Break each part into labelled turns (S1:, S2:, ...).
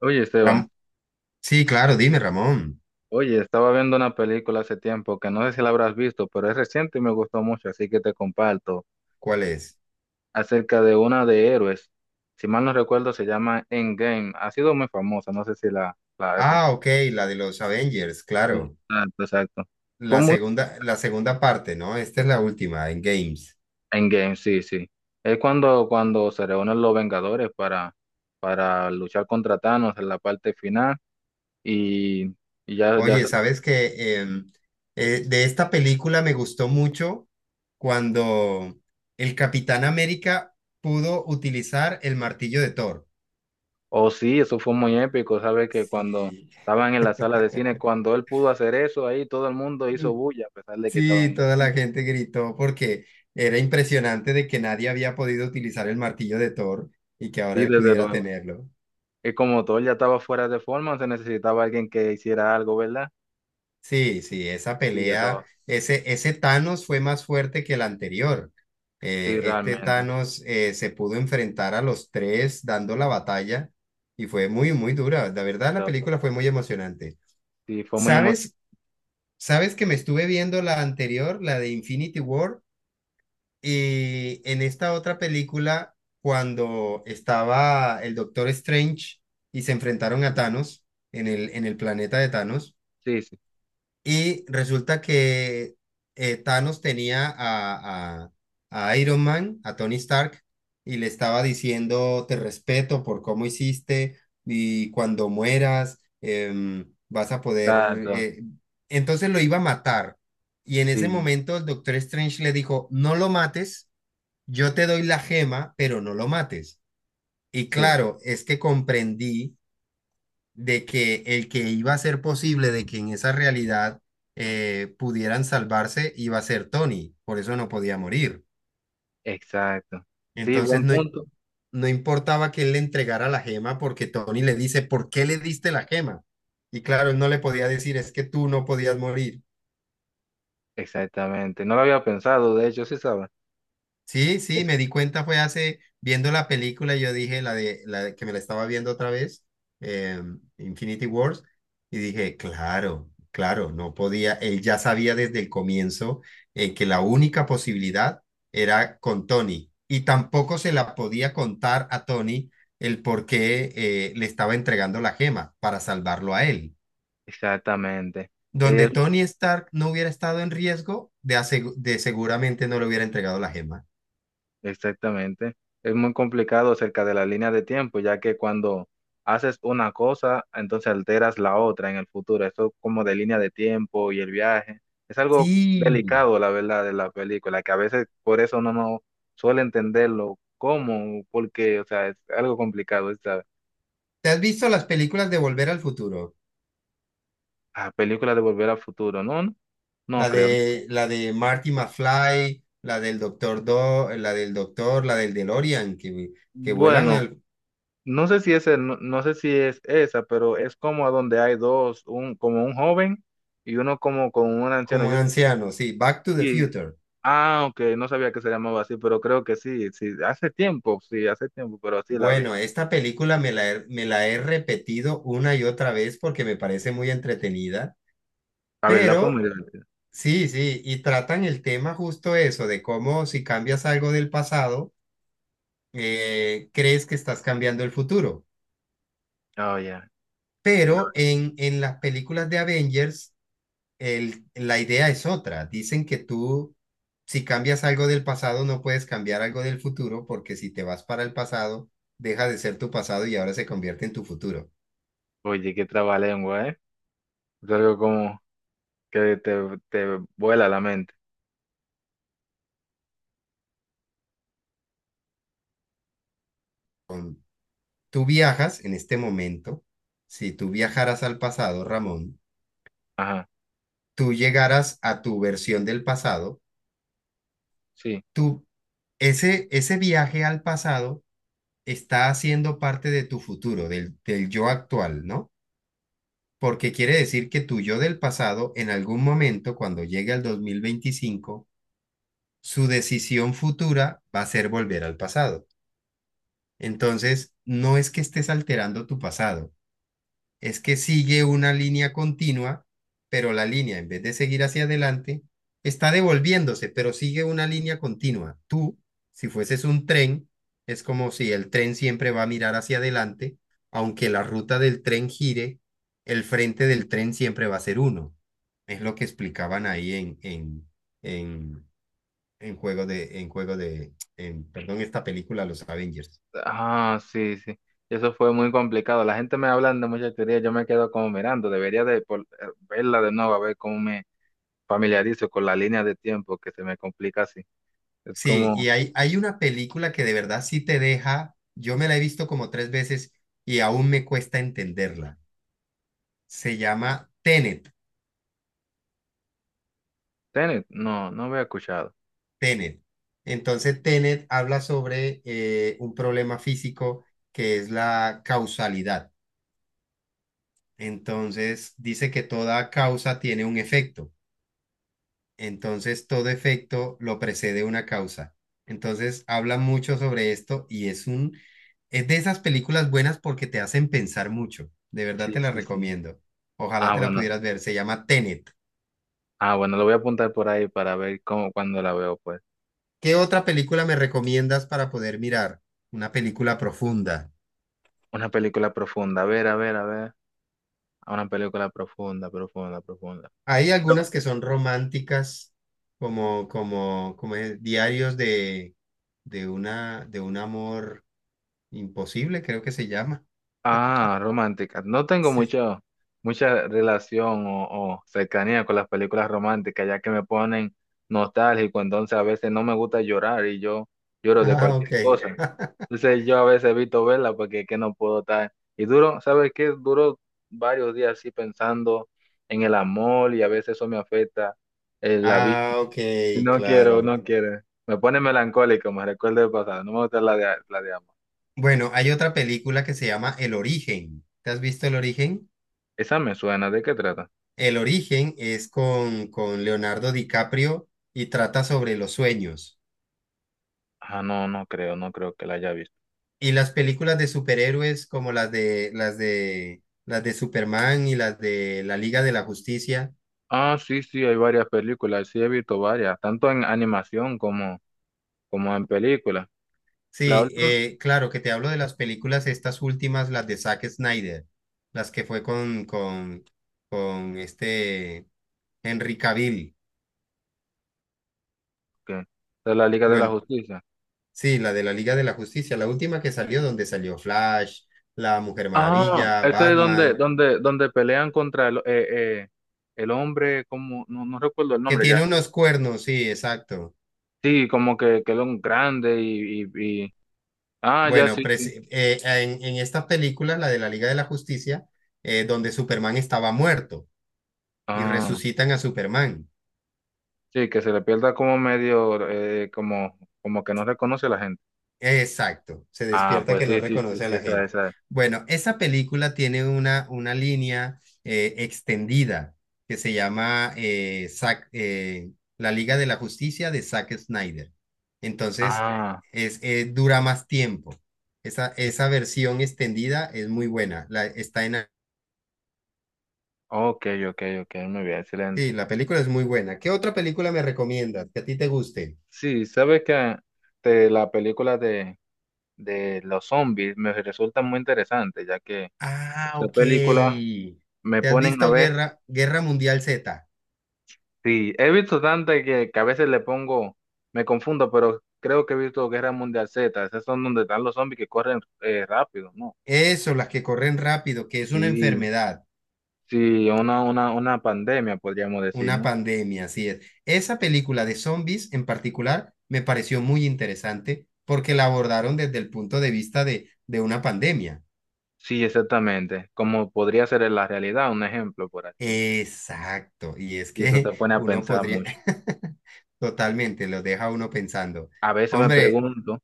S1: Oye, Esteban,
S2: Ram- sí, claro, dime, Ramón.
S1: oye, estaba viendo una película hace tiempo que no sé si la habrás visto, pero es reciente y me gustó mucho, así que te comparto
S2: ¿Cuál es?
S1: acerca de una de héroes. Si mal no recuerdo, se llama Endgame. Ha sido muy famosa, no sé si la has
S2: Ah, ok, la de los Avengers,
S1: Sí,
S2: claro.
S1: exacto, exacto. Fue muy
S2: La segunda parte, ¿no? Esta es la última, en Games.
S1: Endgame, sí, sí. Es cuando, cuando se reúnen los Vengadores para luchar contra Thanos en la parte final y, y ya, ya.
S2: Oye, ¿sabes que de esta película me gustó mucho cuando el Capitán América pudo utilizar el martillo de Thor?
S1: Oh, sí, eso fue muy épico, ¿sabes? Que cuando
S2: Sí,
S1: estaban en la sala de cine, cuando él pudo hacer eso, ahí todo el mundo hizo bulla, a pesar de que estaban
S2: sí, toda
S1: en...
S2: la gente gritó porque era impresionante de que nadie había podido utilizar el martillo de Thor y que ahora
S1: Sí,
S2: él
S1: desde
S2: pudiera
S1: luego.
S2: tenerlo.
S1: Y como todo ya estaba fuera de forma, se necesitaba alguien que hiciera algo, ¿verdad?
S2: Sí, sí, esa
S1: Sí, ya estaba.
S2: pelea, ese Thanos fue más fuerte que el anterior.
S1: Sí,
S2: Este
S1: realmente.
S2: Thanos se pudo enfrentar a los tres dando la batalla y fue muy, muy dura. La verdad, la película fue muy emocionante.
S1: Sí, fue muy emocionante.
S2: ¿Sabes? ¿Sabes que me estuve viendo la anterior, la de Infinity War? Y en esta otra película, cuando estaba el Doctor Strange y se enfrentaron a
S1: Sí,
S2: Thanos en el planeta de Thanos.
S1: sí,
S2: Y resulta que Thanos tenía a Iron Man, a Tony Stark, y le estaba diciendo, te respeto por cómo hiciste y cuando mueras vas a poder...
S1: exacto.
S2: eh". Entonces lo iba a matar. Y en ese
S1: Sí,
S2: momento el Doctor Strange le dijo, no lo mates, yo te doy la gema, pero no lo mates. Y
S1: sí,
S2: claro, es que comprendí de que el que iba a ser posible de que en esa realidad pudieran salvarse iba a ser Tony, por eso no podía morir.
S1: exacto. Sí,
S2: Entonces
S1: buen
S2: no,
S1: punto.
S2: no importaba que él le entregara la gema porque Tony le dice, ¿por qué le diste la gema? Y claro, él no le podía decir, es que tú no podías morir.
S1: Exactamente. No lo había pensado, de hecho, sí, ¿sabes?
S2: Sí, sí,
S1: Es-
S2: me di cuenta fue hace, viendo la película, yo dije que me la estaba viendo otra vez, eh, Infinity Wars, y dije, claro, claro, no podía, él ya sabía desde el comienzo, que la única posibilidad era con Tony, y tampoco se la podía contar a Tony el por qué le estaba entregando la gema para salvarlo a él.
S1: exactamente. Eh,
S2: Donde Tony Stark no hubiera estado en riesgo, de, de seguramente no le hubiera entregado la gema.
S1: Exactamente. Es muy complicado acerca de la línea de tiempo, ya que cuando haces una cosa, entonces alteras la otra en el futuro. Eso como de línea de tiempo y el viaje. Es algo
S2: Sí.
S1: delicado, la verdad, de la película, que a veces por eso uno no suele entenderlo cómo, porque, o sea, es algo complicado esta
S2: ¿Te has visto las películas de Volver al Futuro?
S1: ah, película de Volver al Futuro, ¿no? No, no creo.
S2: La de Marty McFly, la del Doctor Do, la del Doctor, la del DeLorean, que, que vuelan
S1: Bueno.
S2: al-
S1: No sé si es el- no, no sé si es esa, pero es como a donde hay dos, un como un joven y uno como con un anciano.
S2: como
S1: Yo
S2: ancianos, sí, Back to the
S1: y
S2: Future.
S1: ah, ok, no sabía que se llamaba así, pero creo que sí, sí, hace tiempo, pero sí la vi.
S2: Bueno, esta película me la, me la he repetido una y otra vez porque me parece muy entretenida,
S1: La verdad fue muy
S2: pero
S1: divertida.
S2: sí, sí, y tratan el tema justo eso, de cómo si cambias algo del pasado, crees que estás cambiando el futuro.
S1: Oh, ya.
S2: Pero en las películas de Avengers, el, la idea es otra. Dicen que tú, si cambias algo del pasado, no puedes cambiar algo del futuro, porque si te vas para el pasado, deja de ser tu pasado y ahora se convierte en tu futuro.
S1: Oye, qué trabalengua, ¿eh? Es algo como que te vuela la mente.
S2: Con- Tú viajas en este momento. Si tú viajaras al pasado, Ramón,
S1: Ajá,
S2: tú llegaras a tu versión del pasado,
S1: sí.
S2: tú, ese viaje al pasado está haciendo parte de tu futuro, del yo actual, ¿no? Porque quiere decir que tu yo del pasado, en algún momento, cuando llegue al 2025, su decisión futura va a ser volver al pasado. Entonces, no es que estés alterando tu pasado, es que sigue una línea continua, pero la línea, en vez de seguir hacia adelante, está devolviéndose, pero sigue una línea continua. Tú, si fueses un tren, es como si el tren siempre va a mirar hacia adelante, aunque la ruta del tren gire, el frente del tren siempre va a ser uno. Es lo que explicaban ahí en, en perdón, esta película, Los Avengers.
S1: Ah, sí, sí. Eso fue muy complicado. La gente me habla de muchas teorías, yo me quedo como mirando. Debería de por- verla de nuevo a ver cómo me familiarizo con la línea de tiempo que se me complica así. Es
S2: Sí,
S1: como,
S2: y hay una película que de verdad sí te deja, yo me la he visto como tres veces y aún me cuesta entenderla. Se llama Tenet,
S1: Tenet, no, no había escuchado.
S2: Tenet. Entonces Tenet habla sobre un problema físico que es la causalidad. Entonces dice que toda causa tiene un efecto. Entonces, todo efecto lo precede una causa. Entonces, habla mucho sobre esto y es un, es de esas películas buenas porque te hacen pensar mucho. De verdad
S1: Sí,
S2: te la
S1: sí, sí.
S2: recomiendo. Ojalá
S1: Ah,
S2: te la
S1: bueno,
S2: pudieras ver. Se llama Tenet.
S1: ah, bueno, lo voy a apuntar por ahí para ver cómo, cuando la veo, pues.
S2: ¿Qué otra película me recomiendas para poder mirar? Una película profunda.
S1: Una película profunda, a ver, a ver, a ver. Una película profunda, profunda, profunda.
S2: Hay algunas que son románticas, como es, diarios de una, de un amor imposible, creo que se llama.
S1: Ah, romántica. No tengo
S2: Sí.
S1: mucho, mucha relación o cercanía con las películas románticas, ya que me ponen nostálgico, entonces a veces no me gusta llorar y yo lloro de
S2: Ah,
S1: cualquier
S2: ok.
S1: cosa. Ok. Entonces yo a veces evito verla porque es que no puedo estar. Y duro, ¿sabes qué? Duro varios días así pensando en el amor y a veces eso me afecta la vida.
S2: Ah, ok,
S1: No quiero,
S2: claro.
S1: no quiero. Me pone melancólico, me recuerda el pasado. No me gusta la de amor.
S2: Bueno, hay otra película que se llama El Origen. ¿Te has visto El Origen?
S1: Esa me suena, ¿de qué trata?
S2: El Origen es con Leonardo DiCaprio y trata sobre los sueños.
S1: Ah, no, no creo, no creo que la haya visto.
S2: Y las películas de superhéroes como las de Superman y las de la Liga de la Justicia.
S1: Ah, sí, sí, hay varias películas, sí he visto varias, tanto en animación como, como en películas. La
S2: Sí,
S1: última,
S2: claro que te hablo de las películas estas últimas, las de Zack Snyder, las que fue con con este Henry Cavill.
S1: ¿qué? De la Liga de la
S2: Bueno,
S1: Justicia.
S2: sí, la de la Liga de la Justicia, la última que salió, donde salió Flash, la Mujer
S1: Ah,
S2: Maravilla,
S1: ese es donde,
S2: Batman,
S1: donde pelean contra el hombre, como, no, no recuerdo el
S2: que
S1: nombre ya.
S2: tiene unos cuernos, sí, exacto.
S1: Sí, como que era un grande y- ah, ya
S2: Bueno,
S1: sí, sí.
S2: en esta película, la de la Liga de la Justicia, donde Superman estaba muerto y
S1: Ah,
S2: resucitan a Superman.
S1: sí, que se le pierda como medio, como, como que no reconoce a la gente.
S2: Exacto, se
S1: Ah,
S2: despierta
S1: pues
S2: que no
S1: sí, sí, sí,
S2: reconoce a
S1: sí,
S2: la
S1: esa,
S2: gente.
S1: esa.
S2: Bueno, esa película tiene una línea extendida que se llama La Liga de la Justicia de Zack Snyder. Entonces,
S1: Ah.
S2: es, dura más tiempo. Esa versión extendida es muy buena. La, está en,
S1: Ok, ok, ok, muy bien,
S2: sí,
S1: excelente.
S2: la película es muy buena. ¿Qué otra película me recomiendas que a ti te guste?
S1: Sí, sabes que te- la película de los zombies me resulta muy interesante, ya que
S2: Ah,
S1: esa
S2: ok.
S1: película me
S2: ¿Te has
S1: ponen a
S2: visto
S1: ver,
S2: Guerra, Guerra Mundial Z?
S1: sí, he visto tantas que a veces le pongo, me confundo, pero creo que he visto Guerra Mundial Z, esas son donde están los zombies que corren rápido, ¿no?
S2: Eso, las que corren rápido, que es una
S1: Sí,
S2: enfermedad,
S1: sí, una pandemia, podríamos decir,
S2: una
S1: ¿no?
S2: pandemia, así es. Esa película de zombies en particular me pareció muy interesante porque la abordaron desde el punto de vista de una pandemia.
S1: Sí, exactamente, como podría ser en la realidad, un ejemplo, por así decirlo.
S2: Exacto, y es
S1: Y eso
S2: que
S1: te pone a
S2: uno
S1: pensar
S2: podría,
S1: mucho.
S2: totalmente, lo deja a uno pensando.
S1: A veces me
S2: Hombre,
S1: pregunto,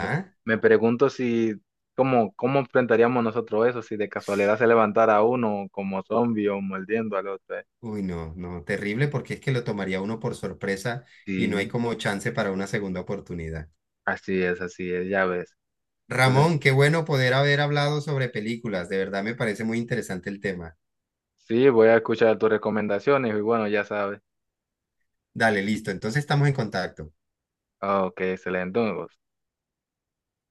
S1: me, me pregunto si, cómo, cómo enfrentaríamos nosotros eso, si de casualidad se levantara uno como zombie o mordiendo al otro. ¿Eh?
S2: uy, no, no, terrible porque es que lo tomaría uno por sorpresa y no hay
S1: Sí,
S2: como chance para una segunda oportunidad.
S1: así es, ya ves. Entonces,
S2: Ramón, qué bueno poder haber hablado sobre películas. De verdad me parece muy interesante el tema.
S1: sí, voy a escuchar tus recomendaciones y bueno, ya sabes.
S2: Dale, listo. Entonces estamos en contacto.
S1: Ah, ok, excelente.